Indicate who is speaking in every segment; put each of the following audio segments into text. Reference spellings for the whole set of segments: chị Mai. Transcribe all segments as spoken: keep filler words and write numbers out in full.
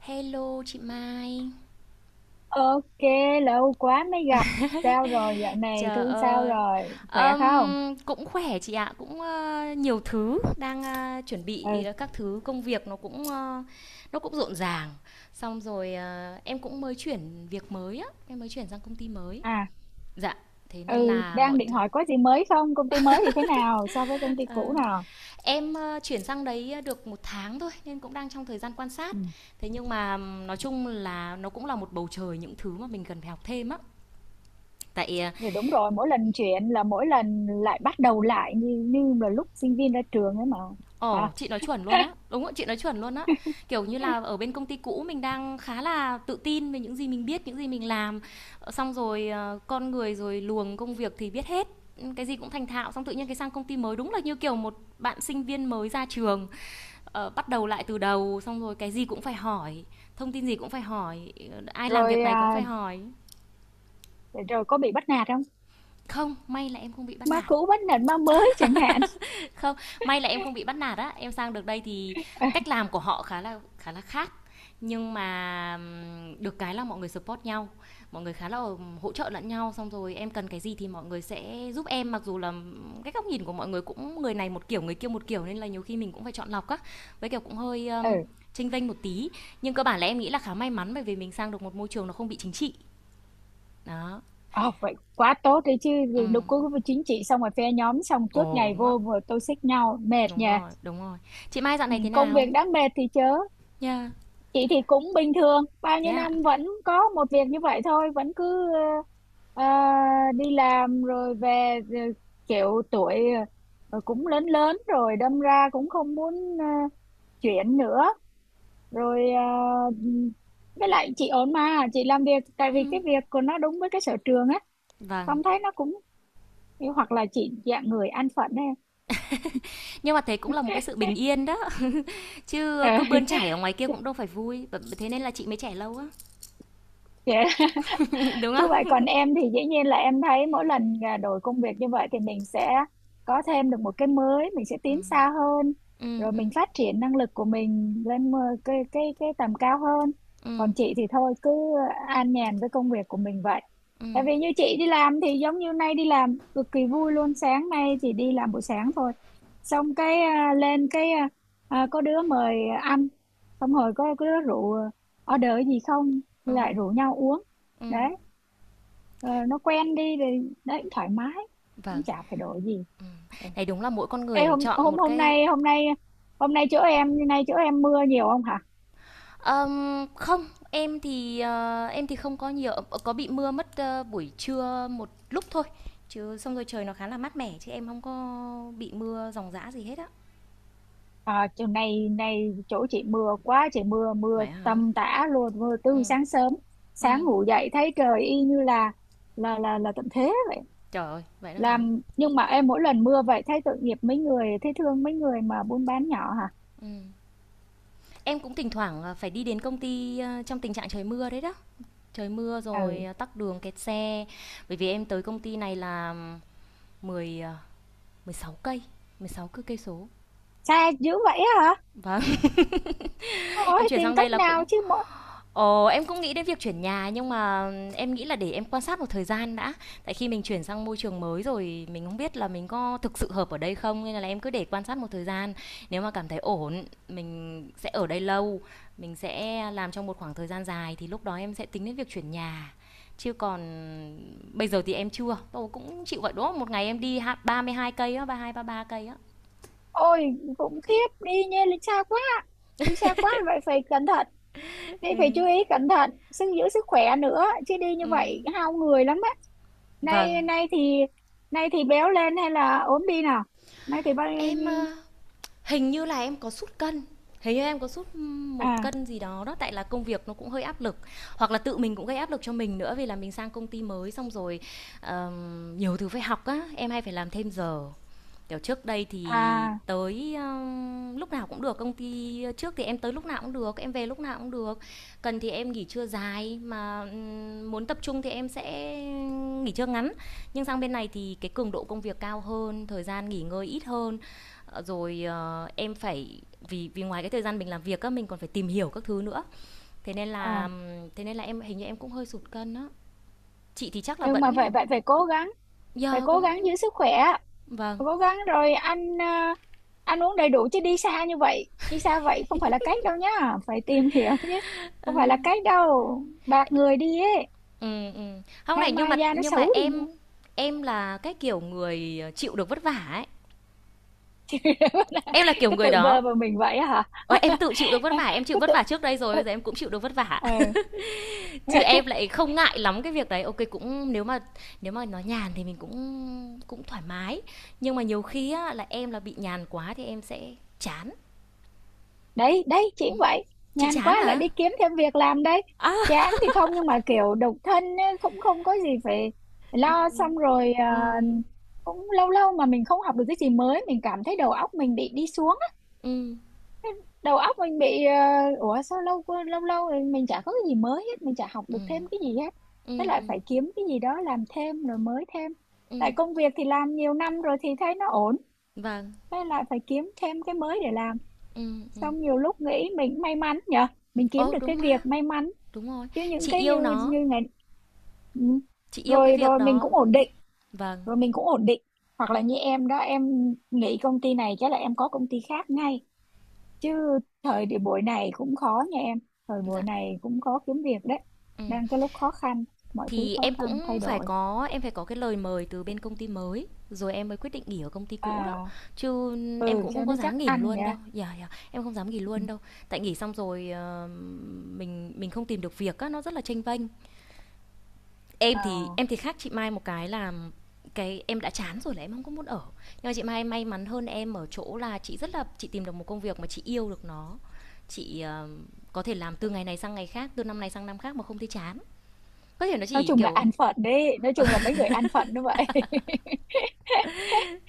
Speaker 1: Hello chị Mai.
Speaker 2: Ok, lâu quá mới gặp. Sao rồi, dạo này
Speaker 1: Trời
Speaker 2: thương sao
Speaker 1: ơi.
Speaker 2: rồi, khỏe không?
Speaker 1: Ừm, cũng khỏe chị ạ, cũng ờ, nhiều thứ đang ờ, chuẩn
Speaker 2: Ừ,
Speaker 1: bị ờ, các thứ công việc nó cũng ờ, nó cũng rộn ràng. Xong rồi ờ, em cũng mới chuyển việc mới á, em mới chuyển sang công ty mới.
Speaker 2: à,
Speaker 1: Dạ, thế nên
Speaker 2: ừ,
Speaker 1: là
Speaker 2: đang
Speaker 1: mọi
Speaker 2: định
Speaker 1: thứ.
Speaker 2: hỏi có gì mới không? Công ty mới thì thế nào so với công ty
Speaker 1: Ờ,
Speaker 2: cũ nào?
Speaker 1: em ờ, chuyển sang đấy ờ, được một tháng thôi nên cũng đang trong thời gian quan sát.
Speaker 2: Ừ.
Speaker 1: Thế nhưng mà ừm, nói chung là nó cũng là một bầu trời những thứ mà mình cần phải học thêm á. Tại.
Speaker 2: Thì đúng rồi, mỗi lần chuyện là mỗi lần lại bắt đầu lại như như là lúc sinh viên ra trường ấy mà. Hả?
Speaker 1: Ồ, chị nói chuẩn luôn á. Đúng ạ, chị nói chuẩn luôn á. Kiểu như là, ở bên công ty cũ mình đang khá là tự tin về những gì mình biết, những gì mình làm. Ờ, xong rồi, ờ, con người rồi luồng công việc thì biết hết, ưm, cái gì cũng thành thạo, xong tự nhiên cái sang công ty mới đúng là như kiểu một bạn sinh viên mới ra trường, ờ, bắt đầu lại từ đầu, xong rồi cái gì cũng phải hỏi, thông tin gì cũng phải hỏi, ờ, ai làm việc
Speaker 2: Rồi
Speaker 1: này cũng
Speaker 2: à,
Speaker 1: phải hỏi.
Speaker 2: rồi có bị bắt nạt không?
Speaker 1: Không, may là em không bị bắt
Speaker 2: Má
Speaker 1: nạt.
Speaker 2: cũ bắt nạt má mới chẳng hạn.
Speaker 1: Không, may là em không bị bắt nạt á, em sang được đây thì cách làm của họ khá là khá là khác. Nhưng mà được cái là mọi người support nhau, mọi người khá là hỗ trợ lẫn nhau, xong rồi em cần cái gì thì mọi người sẽ giúp em, mặc dù là cái góc nhìn của mọi người cũng người này một kiểu, người kia một kiểu nên là nhiều khi mình cũng phải chọn lọc á. Với kiểu cũng hơi um,
Speaker 2: Ừ,
Speaker 1: chênh vênh một tí, nhưng cơ bản là em nghĩ là khá may mắn bởi vì mình sang được một môi trường nó không bị chính trị. Đó.
Speaker 2: ờ, vậy quá tốt đấy chứ,
Speaker 1: Ừ.
Speaker 2: đục cứ chính trị xong rồi phe nhóm xong suốt
Speaker 1: Ồ
Speaker 2: ngày
Speaker 1: đúng á.
Speaker 2: vô vừa toxic nhau, mệt
Speaker 1: Đúng
Speaker 2: nhỉ.
Speaker 1: rồi, đúng rồi. Chị Mai dạo
Speaker 2: Ừ,
Speaker 1: này thế
Speaker 2: công
Speaker 1: nào?
Speaker 2: việc đã mệt thì chớ
Speaker 1: Nha, yeah.
Speaker 2: chị thì cũng bình thường, bao
Speaker 1: Thế
Speaker 2: nhiêu
Speaker 1: ạ?
Speaker 2: năm
Speaker 1: À?
Speaker 2: vẫn có một việc như vậy thôi vẫn cứ ờ, ờ, đi làm rồi về rồi, kiểu tuổi ờ, cũng lớn lớn rồi đâm ra cũng không muốn ờ, chuyển nữa rồi ờ, với lại chị ổn mà, chị làm việc tại
Speaker 1: Ừ.
Speaker 2: vì cái việc của nó đúng với cái sở trường á,
Speaker 1: Vâng,
Speaker 2: không thấy nó cũng, hoặc là chị dạng người an phận ấy.
Speaker 1: nhưng mà thế cũng là một cái sự bình yên đó.
Speaker 2: Ờ.
Speaker 1: Chứ cứ bươn chải ở ngoài kia cũng đâu phải vui. Thế nên là chị mới trẻ lâu á.
Speaker 2: Chị
Speaker 1: Đúng
Speaker 2: cứ vậy,
Speaker 1: không?
Speaker 2: còn em thì dĩ nhiên là em thấy mỗi lần à, đổi công việc như vậy thì mình sẽ có thêm được một cái mới, mình sẽ tiến xa hơn,
Speaker 1: Ừ,
Speaker 2: rồi
Speaker 1: ừ.
Speaker 2: mình phát triển năng lực của mình lên một cái cái cái tầm cao hơn. Còn chị thì thôi cứ an nhàn với công việc của mình vậy, tại vì như chị đi làm thì giống như nay đi làm cực kỳ vui luôn, sáng nay chỉ đi làm buổi sáng thôi, xong cái à, lên cái à, à, có đứa mời ăn, xong rồi có, có đứa rượu order gì không lại rủ nhau uống đấy. Ờ, nó quen đi thì đấy thoải mái, cũng
Speaker 1: Vâng,
Speaker 2: chả phải đổi gì. Ừ.
Speaker 1: này đúng là mỗi con
Speaker 2: Ê,
Speaker 1: người mình
Speaker 2: hôm
Speaker 1: chọn
Speaker 2: hôm
Speaker 1: một
Speaker 2: hôm
Speaker 1: cái.
Speaker 2: nay hôm nay hôm nay chỗ em nay chỗ em mưa nhiều không hả?
Speaker 1: Ờm, Không, em thì ờ, em thì không có nhiều. Ờ, Có bị mưa mất ờ, buổi trưa một lúc thôi. Chứ xong rồi trời nó khá là mát mẻ, chứ em không có bị mưa ròng rã gì hết á.
Speaker 2: À, chỗ này này chỗ chị mưa quá, chị mưa mưa
Speaker 1: Vậy hả?
Speaker 2: tầm tã luôn, mưa
Speaker 1: Ừ,
Speaker 2: từ sáng sớm.
Speaker 1: ừ.
Speaker 2: Sáng ngủ dậy thấy trời y như là là là là tận thế vậy.
Speaker 1: Trời ơi, vậy đó hả?
Speaker 2: Làm nhưng mà em mỗi lần mưa vậy thấy tội nghiệp mấy người, thấy thương mấy người mà buôn bán nhỏ hả.
Speaker 1: Em cũng thỉnh thoảng ờ, phải đi đến công ty ờ, trong tình trạng trời mưa đấy đó, trời mưa rồi
Speaker 2: Ừ,
Speaker 1: à, tắc đường kẹt xe. Bởi vì em tới công ty này là mười à, mười sáu cây, mười sáu cứ cây số
Speaker 2: xa dữ vậy hả,
Speaker 1: và em
Speaker 2: ôi
Speaker 1: chuyển
Speaker 2: tìm
Speaker 1: sang đây
Speaker 2: cách
Speaker 1: là
Speaker 2: nào
Speaker 1: cũng.
Speaker 2: chứ.
Speaker 1: Ờ, em cũng nghĩ đến việc chuyển nhà nhưng mà em nghĩ là để em quan sát một thời gian đã. Tại khi mình chuyển sang môi trường mới rồi mình không biết là mình có thực sự hợp ở đây không nên là em cứ để quan sát một thời gian. Nếu mà cảm thấy ổn, mình sẽ ở đây lâu, mình sẽ làm trong một khoảng thời gian dài thì lúc đó em sẽ tính đến việc chuyển nhà. Chứ còn bây giờ thì em chưa. Tôi cũng chịu vậy đó, một ngày em đi ha- ba mươi hai cây á, ba ba mươi hai, ba mươi ba cây á.
Speaker 2: Ôi khủng khiếp, đi nha, đi xa quá, đi xa quá vậy phải cẩn thận, đi phải chú ý cẩn thận sức, giữ sức khỏe nữa chứ đi như
Speaker 1: Ừ.
Speaker 2: vậy hao người lắm á.
Speaker 1: Vâng.
Speaker 2: Nay nay thì, nay thì béo lên hay là ốm đi nào? Nay thì bao.
Speaker 1: Em ờ, hình như là em có sút cân, hình như em có sút một
Speaker 2: À,
Speaker 1: cân gì đó đó, tại là công việc nó cũng hơi áp lực, hoặc là tự mình cũng gây áp lực cho mình nữa, vì là mình sang công ty mới xong rồi ờm, nhiều thứ phải học á, em hay phải làm thêm giờ. Kiểu, trước đây thì
Speaker 2: à,
Speaker 1: tới, ơ, lúc nào cũng được, công ty trước thì em tới lúc nào cũng được, em về lúc nào cũng được. Cần thì em nghỉ trưa dài, mà, ừm, muốn tập trung thì em sẽ nghỉ trưa ngắn. Nhưng sang bên này thì cái cường độ công việc cao hơn, thời gian nghỉ ngơi ít hơn, ờ, rồi, ờ, em phải, vì vì ngoài cái thời gian mình làm việc á, mình còn phải tìm hiểu các thứ nữa, thế nên
Speaker 2: à,
Speaker 1: là thế nên là em hình như em cũng hơi sụt cân á. Chị thì chắc là
Speaker 2: nhưng mà
Speaker 1: vẫn
Speaker 2: vậy vậy phải cố gắng,
Speaker 1: giờ,
Speaker 2: phải
Speaker 1: yeah,
Speaker 2: cố gắng
Speaker 1: cũng
Speaker 2: giữ sức khỏe,
Speaker 1: vâng.
Speaker 2: cố gắng rồi ăn à, ăn uống đầy đủ chứ đi xa như vậy, đi xa vậy không phải là cách đâu nhá. Phải tìm hiểu chứ, không phải là cách đâu, bạc người đi ấy,
Speaker 1: Ừm, ừm. Hông
Speaker 2: nay
Speaker 1: này, nhưng mà
Speaker 2: mai da nó
Speaker 1: nhưng mà
Speaker 2: xấu đi
Speaker 1: em
Speaker 2: nữa.
Speaker 1: em là cái kiểu người, ờ, chịu được vất vả ấy, em là kiểu
Speaker 2: Cứ
Speaker 1: người
Speaker 2: tự vờ
Speaker 1: đó.
Speaker 2: vào mình vậy hả?
Speaker 1: Ờ, em tự chịu được vất vả, em chịu
Speaker 2: Cứ
Speaker 1: vất
Speaker 2: tự.
Speaker 1: vả trước đây rồi,
Speaker 2: Ừ.
Speaker 1: bây giờ em cũng chịu được vất vả,
Speaker 2: Ờ.
Speaker 1: chứ em lại không ngại lắm cái việc đấy. Ok, cũng nếu mà, nếu mà nó nhàn thì mình cũng cũng thoải mái, nhưng mà nhiều khi á là em là bị nhàn quá thì em sẽ chán.
Speaker 2: Đấy đấy chỉ vậy,
Speaker 1: Chị
Speaker 2: nhàn
Speaker 1: chán
Speaker 2: quá là
Speaker 1: hả?
Speaker 2: đi kiếm thêm việc làm đấy.
Speaker 1: Á.
Speaker 2: Chán thì không, nhưng mà kiểu độc thân ấy, cũng không có gì phải lo, xong rồi à,
Speaker 1: Ừ,
Speaker 2: cũng lâu lâu mà mình không học được cái gì mới mình cảm thấy đầu óc mình bị đi xuống,
Speaker 1: ừ,
Speaker 2: đầu óc mình bị ờ, ủa sao lâu quá- lâu lâu rồi mình chả có cái gì mới hết, mình chả học
Speaker 1: ừ.
Speaker 2: được thêm cái gì hết. Thế
Speaker 1: Ừm,
Speaker 2: lại
Speaker 1: ừm,
Speaker 2: phải kiếm cái gì đó làm thêm rồi mới thêm, tại
Speaker 1: ừm,
Speaker 2: công việc thì làm nhiều năm rồi thì thấy nó ổn,
Speaker 1: vâng,
Speaker 2: thế lại phải kiếm thêm cái mới để làm.
Speaker 1: ừ, ừ.
Speaker 2: Xong nhiều lúc nghĩ mình cũng may mắn nhở, mình kiếm
Speaker 1: Ồ,
Speaker 2: được cái
Speaker 1: đúng mà,
Speaker 2: việc may mắn,
Speaker 1: đúng rồi,
Speaker 2: chứ những
Speaker 1: chị
Speaker 2: cái
Speaker 1: yêu
Speaker 2: như
Speaker 1: nó.
Speaker 2: như ngày. Ừ.
Speaker 1: Chị yêu cái
Speaker 2: rồi
Speaker 1: việc
Speaker 2: rồi mình
Speaker 1: đó.
Speaker 2: cũng ổn định,
Speaker 1: Vâng.
Speaker 2: rồi mình cũng ổn định. Hoặc là như em đó, em nghỉ công ty này chắc là em có công ty khác ngay, chứ thời điểm buổi này cũng khó nha em, thời
Speaker 1: Dạ.
Speaker 2: buổi này cũng khó kiếm việc đấy,
Speaker 1: Ừ.
Speaker 2: đang cái lúc khó khăn, mọi thứ
Speaker 1: Thì
Speaker 2: khó
Speaker 1: em
Speaker 2: khăn
Speaker 1: cũng
Speaker 2: thay
Speaker 1: phải
Speaker 2: đổi.
Speaker 1: có, em phải có cái lời mời từ bên công ty mới rồi em mới quyết định nghỉ ở công ty cũ đó,
Speaker 2: À,
Speaker 1: chứ em
Speaker 2: ừ,
Speaker 1: cũng không
Speaker 2: cho nó
Speaker 1: có
Speaker 2: chắc
Speaker 1: dám nghỉ
Speaker 2: ăn
Speaker 1: luôn
Speaker 2: nha.
Speaker 1: đâu, dạ dạ em không dám nghỉ
Speaker 2: Ừ.
Speaker 1: luôn đâu. Tại nghỉ xong rồi ờ, mình mình không tìm được việc á nó rất là chênh vênh. em thì
Speaker 2: À,
Speaker 1: em thì khác chị Mai một cái là cái em đã chán rồi là em không có muốn ở. Nhưng mà chị Mai may mắn hơn em ở chỗ là chị rất là, chị tìm được một công việc mà chị yêu được nó. Chị ờ, có thể làm từ ngày này sang ngày khác, từ năm này sang năm khác mà không thấy chán. Có thể nó
Speaker 2: nói
Speaker 1: chỉ
Speaker 2: chung là
Speaker 1: kiểu.
Speaker 2: ăn phận đấy, nói chung là mấy người ăn phận như vậy.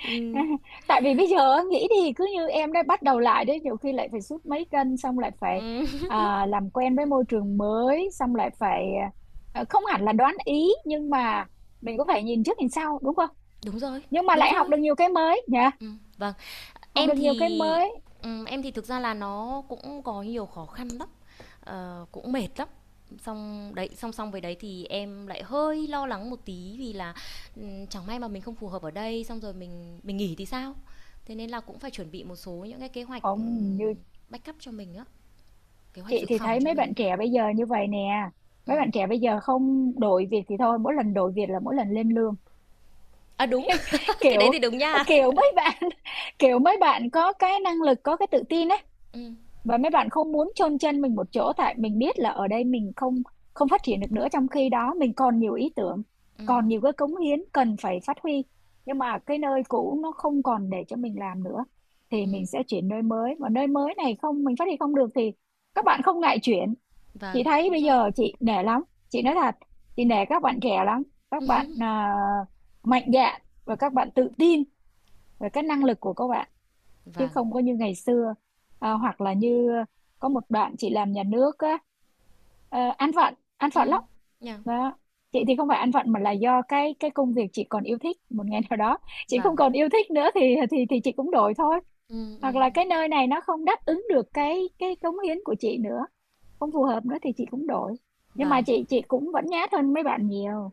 Speaker 1: Ừ,
Speaker 2: Tại vì bây giờ á, nghĩ thì cứ như em đã bắt đầu lại đấy, nhiều khi lại phải sút mấy cân xong lại phải,
Speaker 1: ừ,
Speaker 2: à, làm quen với môi trường mới xong lại phải, à, không hẳn là đoán ý nhưng mà mình cũng phải nhìn trước nhìn sau đúng không.
Speaker 1: đúng rồi,
Speaker 2: Nhưng mà
Speaker 1: đúng
Speaker 2: lại học
Speaker 1: rồi.
Speaker 2: được nhiều cái mới nhỉ,
Speaker 1: Ừ, vâng.
Speaker 2: học
Speaker 1: Em
Speaker 2: được nhiều cái
Speaker 1: thì,
Speaker 2: mới.
Speaker 1: ừ, em thì thực ra là nó cũng có nhiều khó khăn lắm. Ờ, cũng mệt lắm. Xong đấy, song song với đấy thì em lại hơi lo lắng một tí, vì là, ừm, chẳng may mà mình không phù hợp ở đây, xong rồi mình mình nghỉ thì sao? Thế nên là cũng phải chuẩn bị một số những cái kế hoạch,
Speaker 2: Ông
Speaker 1: ừm,
Speaker 2: như,
Speaker 1: backup cho mình á, kế hoạch
Speaker 2: chị
Speaker 1: dự
Speaker 2: thì
Speaker 1: phòng
Speaker 2: thấy
Speaker 1: cho
Speaker 2: mấy
Speaker 1: mình
Speaker 2: bạn
Speaker 1: á.
Speaker 2: trẻ bây giờ như vậy nè, mấy bạn trẻ bây giờ không đổi việc thì thôi, mỗi lần đổi việc là mỗi lần lên lương.
Speaker 1: À, đúng, cái đấy
Speaker 2: kiểu
Speaker 1: thì đúng nha.
Speaker 2: kiểu mấy bạn, kiểu mấy bạn có cái năng lực có cái tự tin ấy,
Speaker 1: Ừm,
Speaker 2: và mấy bạn không muốn chôn chân mình một chỗ, tại mình biết là ở đây mình không không phát triển được nữa, trong khi đó mình còn nhiều ý tưởng,
Speaker 1: ừm,
Speaker 2: còn nhiều cái cống hiến cần phải phát huy, nhưng mà cái nơi cũ nó không còn để cho mình làm nữa thì
Speaker 1: ừm.
Speaker 2: mình sẽ chuyển nơi mới, và nơi mới này không, mình phát triển không được thì các bạn không ngại chuyển.
Speaker 1: Vâng,
Speaker 2: Chị thấy
Speaker 1: đúng
Speaker 2: bây
Speaker 1: rồi.
Speaker 2: giờ chị nể lắm, chị nói thật, chị nể các bạn trẻ lắm, các bạn à, mạnh dạn, và các bạn tự tin về cái năng lực của các bạn, chứ
Speaker 1: Vâng.
Speaker 2: không có như ngày xưa. À, hoặc là như, có một đoạn chị làm nhà nước á, ờ, ăn vận ăn vận lắm.
Speaker 1: Ừm, yeah.
Speaker 2: Đó. Chị thì không phải ăn vận mà là do cái cái công việc chị còn yêu thích, một ngày nào đó chị
Speaker 1: Vâng.
Speaker 2: không còn yêu thích nữa thì, thì thì chị cũng đổi thôi.
Speaker 1: Ừm,
Speaker 2: Hoặc
Speaker 1: ừm,
Speaker 2: là
Speaker 1: ừm.
Speaker 2: cái nơi này nó không đáp ứng được cái cái cống hiến của chị nữa, không phù hợp nữa thì chị cũng đổi. Nhưng mà
Speaker 1: Vâng,
Speaker 2: chị chị cũng vẫn nhát hơn mấy bạn nhiều,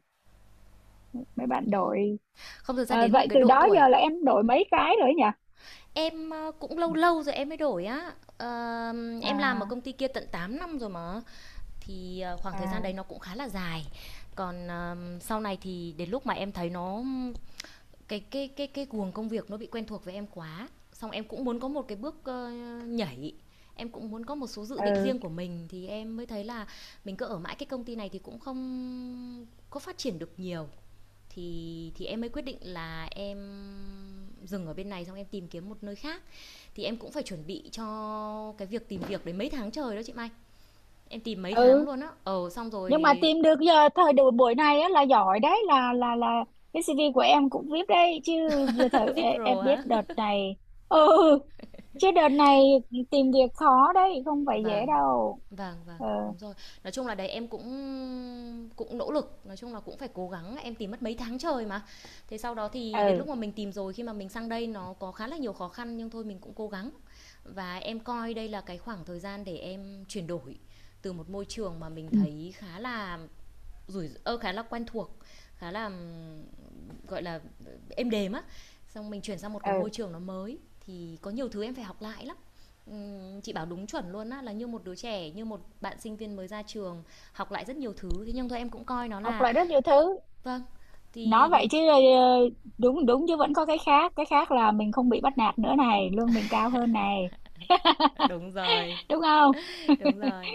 Speaker 2: mấy bạn
Speaker 1: ừm.
Speaker 2: đổi.
Speaker 1: Không, thực ra
Speaker 2: Ờ,
Speaker 1: đến một
Speaker 2: vậy
Speaker 1: cái
Speaker 2: từ
Speaker 1: độ
Speaker 2: đó
Speaker 1: tuổi.
Speaker 2: giờ là em đổi mấy cái rồi ấy nhỉ?
Speaker 1: Em, ờ, cũng lâu lâu rồi em mới đổi á. Ờ, em làm ở
Speaker 2: À,
Speaker 1: công ty kia tận tám năm rồi mà. Thì, ờ, khoảng thời gian
Speaker 2: à,
Speaker 1: đấy nó cũng khá là dài. Còn, ờ, sau này thì đến lúc mà em thấy nó, cái cái cái cái guồng công việc nó bị quen thuộc với em quá, xong em cũng muốn có một cái bước, ơ, nhảy, em cũng muốn có một số dự định
Speaker 2: ừ,
Speaker 1: riêng của mình thì em mới thấy là mình cứ ở mãi cái công ty này thì cũng không có phát triển được nhiều. Thì thì em mới quyết định là em dừng ở bên này xong em tìm kiếm một nơi khác, thì em cũng phải chuẩn bị cho cái việc tìm việc đấy mấy tháng trời đó chị Mai. Em tìm mấy tháng
Speaker 2: ừ,
Speaker 1: luôn á. Ờ xong
Speaker 2: nhưng mà
Speaker 1: rồi
Speaker 2: tìm được giờ thời buổi buổi này á, là giỏi đấy, là là là cái xi vi của em cũng viết đấy chứ, giờ thời
Speaker 1: VIP
Speaker 2: e- em
Speaker 1: Pro hả?
Speaker 2: biết đợt này. Ừ, chứ đợt này tìm việc khó đấy, không phải dễ
Speaker 1: Vâng,
Speaker 2: đâu.
Speaker 1: vâng, vâng,
Speaker 2: Ừ,
Speaker 1: đúng rồi. Nói chung là đấy em cũng cũng nỗ lực, nói chung là cũng phải cố gắng, em tìm mất mấy tháng trời mà. Thế sau đó thì đến
Speaker 2: ừ,
Speaker 1: lúc mà mình tìm rồi, khi mà mình sang đây nó có khá là nhiều khó khăn nhưng thôi mình cũng cố gắng. Và em coi đây là cái khoảng thời gian để em chuyển đổi từ một môi trường mà mình
Speaker 2: ừ,
Speaker 1: thấy khá là rủi ơ khá là quen thuộc, khá là, gọi là êm đềm á, xong mình chuyển sang một cái môi
Speaker 2: ừ.
Speaker 1: trường nó mới thì có nhiều thứ em phải học lại lắm. Chị bảo đúng chuẩn luôn á, là như một đứa trẻ, như một bạn sinh viên mới ra trường, học lại rất nhiều thứ, thế nhưng thôi em cũng coi nó
Speaker 2: Học
Speaker 1: là.
Speaker 2: lại rất nhiều thứ.
Speaker 1: Vâng.
Speaker 2: Nói
Speaker 1: thì
Speaker 2: vậy chứ ờ, đúng đúng chứ vẫn có cái khác, cái khác là mình không bị bắt nạt nữa này, lương mình cao hơn này,
Speaker 1: Đúng rồi,
Speaker 2: đúng không?
Speaker 1: đúng rồi.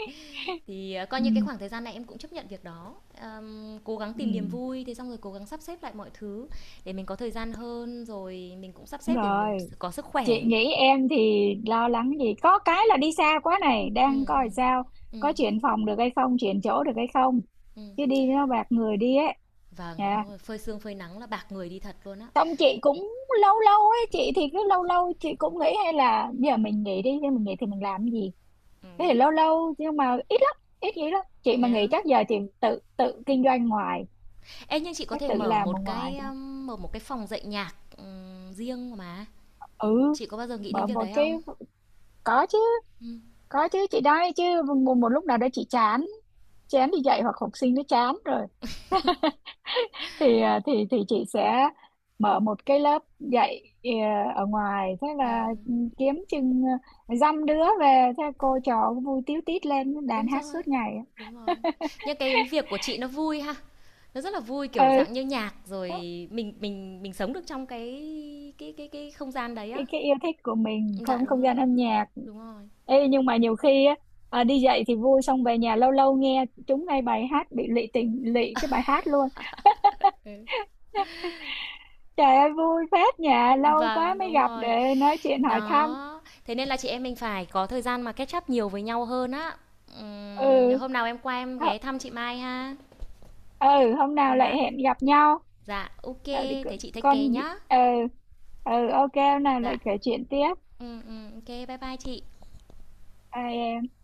Speaker 1: Thì ờ, coi như cái
Speaker 2: Ừ,
Speaker 1: khoảng thời gian này em cũng chấp nhận việc đó. Ờm, cố gắng
Speaker 2: ừ,
Speaker 1: tìm niềm vui, thế xong rồi cố gắng sắp xếp lại mọi thứ để mình có thời gian hơn, rồi mình cũng sắp
Speaker 2: đúng
Speaker 1: xếp để mình
Speaker 2: rồi.
Speaker 1: có sức khỏe.
Speaker 2: Chị nghĩ em thì lo lắng gì, có cái là đi xa quá này,
Speaker 1: Ừ,
Speaker 2: đang
Speaker 1: ừ,
Speaker 2: coi sao
Speaker 1: ừ,
Speaker 2: có chuyển phòng được hay không, chuyển chỗ được hay không,
Speaker 1: ừ,
Speaker 2: chứ đi nó bạc người đi ấy.
Speaker 1: vâng,
Speaker 2: Dạ.
Speaker 1: đúng, phơi sương phơi nắng là bạc người đi thật luôn á.
Speaker 2: Xong chị cũng lâu lâu ấy, chị thì cứ lâu lâu chị cũng nghĩ hay là giờ mình nghỉ đi, nhưng mình nghỉ thì mình làm cái gì, thế
Speaker 1: Ừm,
Speaker 2: thì lâu lâu nhưng mà ít lắm, ít nghĩ lắm, chị mà nghỉ
Speaker 1: nhá.
Speaker 2: chắc giờ chị tự tự kinh doanh ngoài,
Speaker 1: Ê, nhưng chị có
Speaker 2: chắc
Speaker 1: thể
Speaker 2: tự
Speaker 1: mở
Speaker 2: làm ở
Speaker 1: một
Speaker 2: ngoài
Speaker 1: cái,
Speaker 2: thôi.
Speaker 1: ờm, mở một cái phòng dạy nhạc, ừm, riêng mà.
Speaker 2: Ừ,
Speaker 1: Chị có bao giờ nghĩ đến
Speaker 2: mở
Speaker 1: việc
Speaker 2: một
Speaker 1: đấy
Speaker 2: cái,
Speaker 1: không?
Speaker 2: có chứ,
Speaker 1: Ừm,
Speaker 2: có chứ chị đây chứ, một, một lúc nào đó chị chán, chán đi dạy hoặc học sinh nó chán rồi thì à, thì thì chị sẽ mở một cái lớp dạy à, ở ngoài, thế là
Speaker 1: ừm,
Speaker 2: ừ, kiếm chừng à, dăm đứa về, thế cô trò cũng vui tíu tít, lên đàn
Speaker 1: đúng
Speaker 2: hát suốt
Speaker 1: rồi,
Speaker 2: ngày.
Speaker 1: đúng rồi. Nhưng cái việc của chị nó vui ha, nó rất là vui, kiểu,
Speaker 2: Ừ,
Speaker 1: dạng như nhạc rồi mình mình mình sống được trong cái cái cái cái không gian đấy á.
Speaker 2: cái, cái yêu thích của mình,
Speaker 1: Dạ,
Speaker 2: không,
Speaker 1: đúng
Speaker 2: không
Speaker 1: rồi,
Speaker 2: gian âm nhạc.
Speaker 1: đúng rồi.
Speaker 2: Ê, nhưng mà nhiều khi á, à, đi dạy thì vui, xong về nhà lâu lâu nghe chúng ngay bài hát bị lụy tình lụy cái bài hát luôn.
Speaker 1: Ừ.
Speaker 2: Trời ơi vui phết, nhà lâu quá
Speaker 1: Vâng,
Speaker 2: mới
Speaker 1: đúng
Speaker 2: gặp
Speaker 1: rồi.
Speaker 2: để nói chuyện hỏi thăm.
Speaker 1: Đó, thế nên là chị em mình phải có thời gian mà catch up nhiều với nhau hơn á. Ừm,
Speaker 2: Ừ,
Speaker 1: hôm nào em qua em
Speaker 2: hо-
Speaker 1: ghé thăm chị Mai ha.
Speaker 2: ừ hôm nào lại
Speaker 1: Dạ.
Speaker 2: hẹn gặp nhau.
Speaker 1: Dạ, ok,
Speaker 2: Đợi đi con,
Speaker 1: thế chị take care
Speaker 2: con.
Speaker 1: nhá.
Speaker 2: Ờ ờ ok hôm nào
Speaker 1: Dạ.
Speaker 2: lại kể chuyện tiếp.
Speaker 1: Ừ ừ, ok, bye bye chị.
Speaker 2: Ai.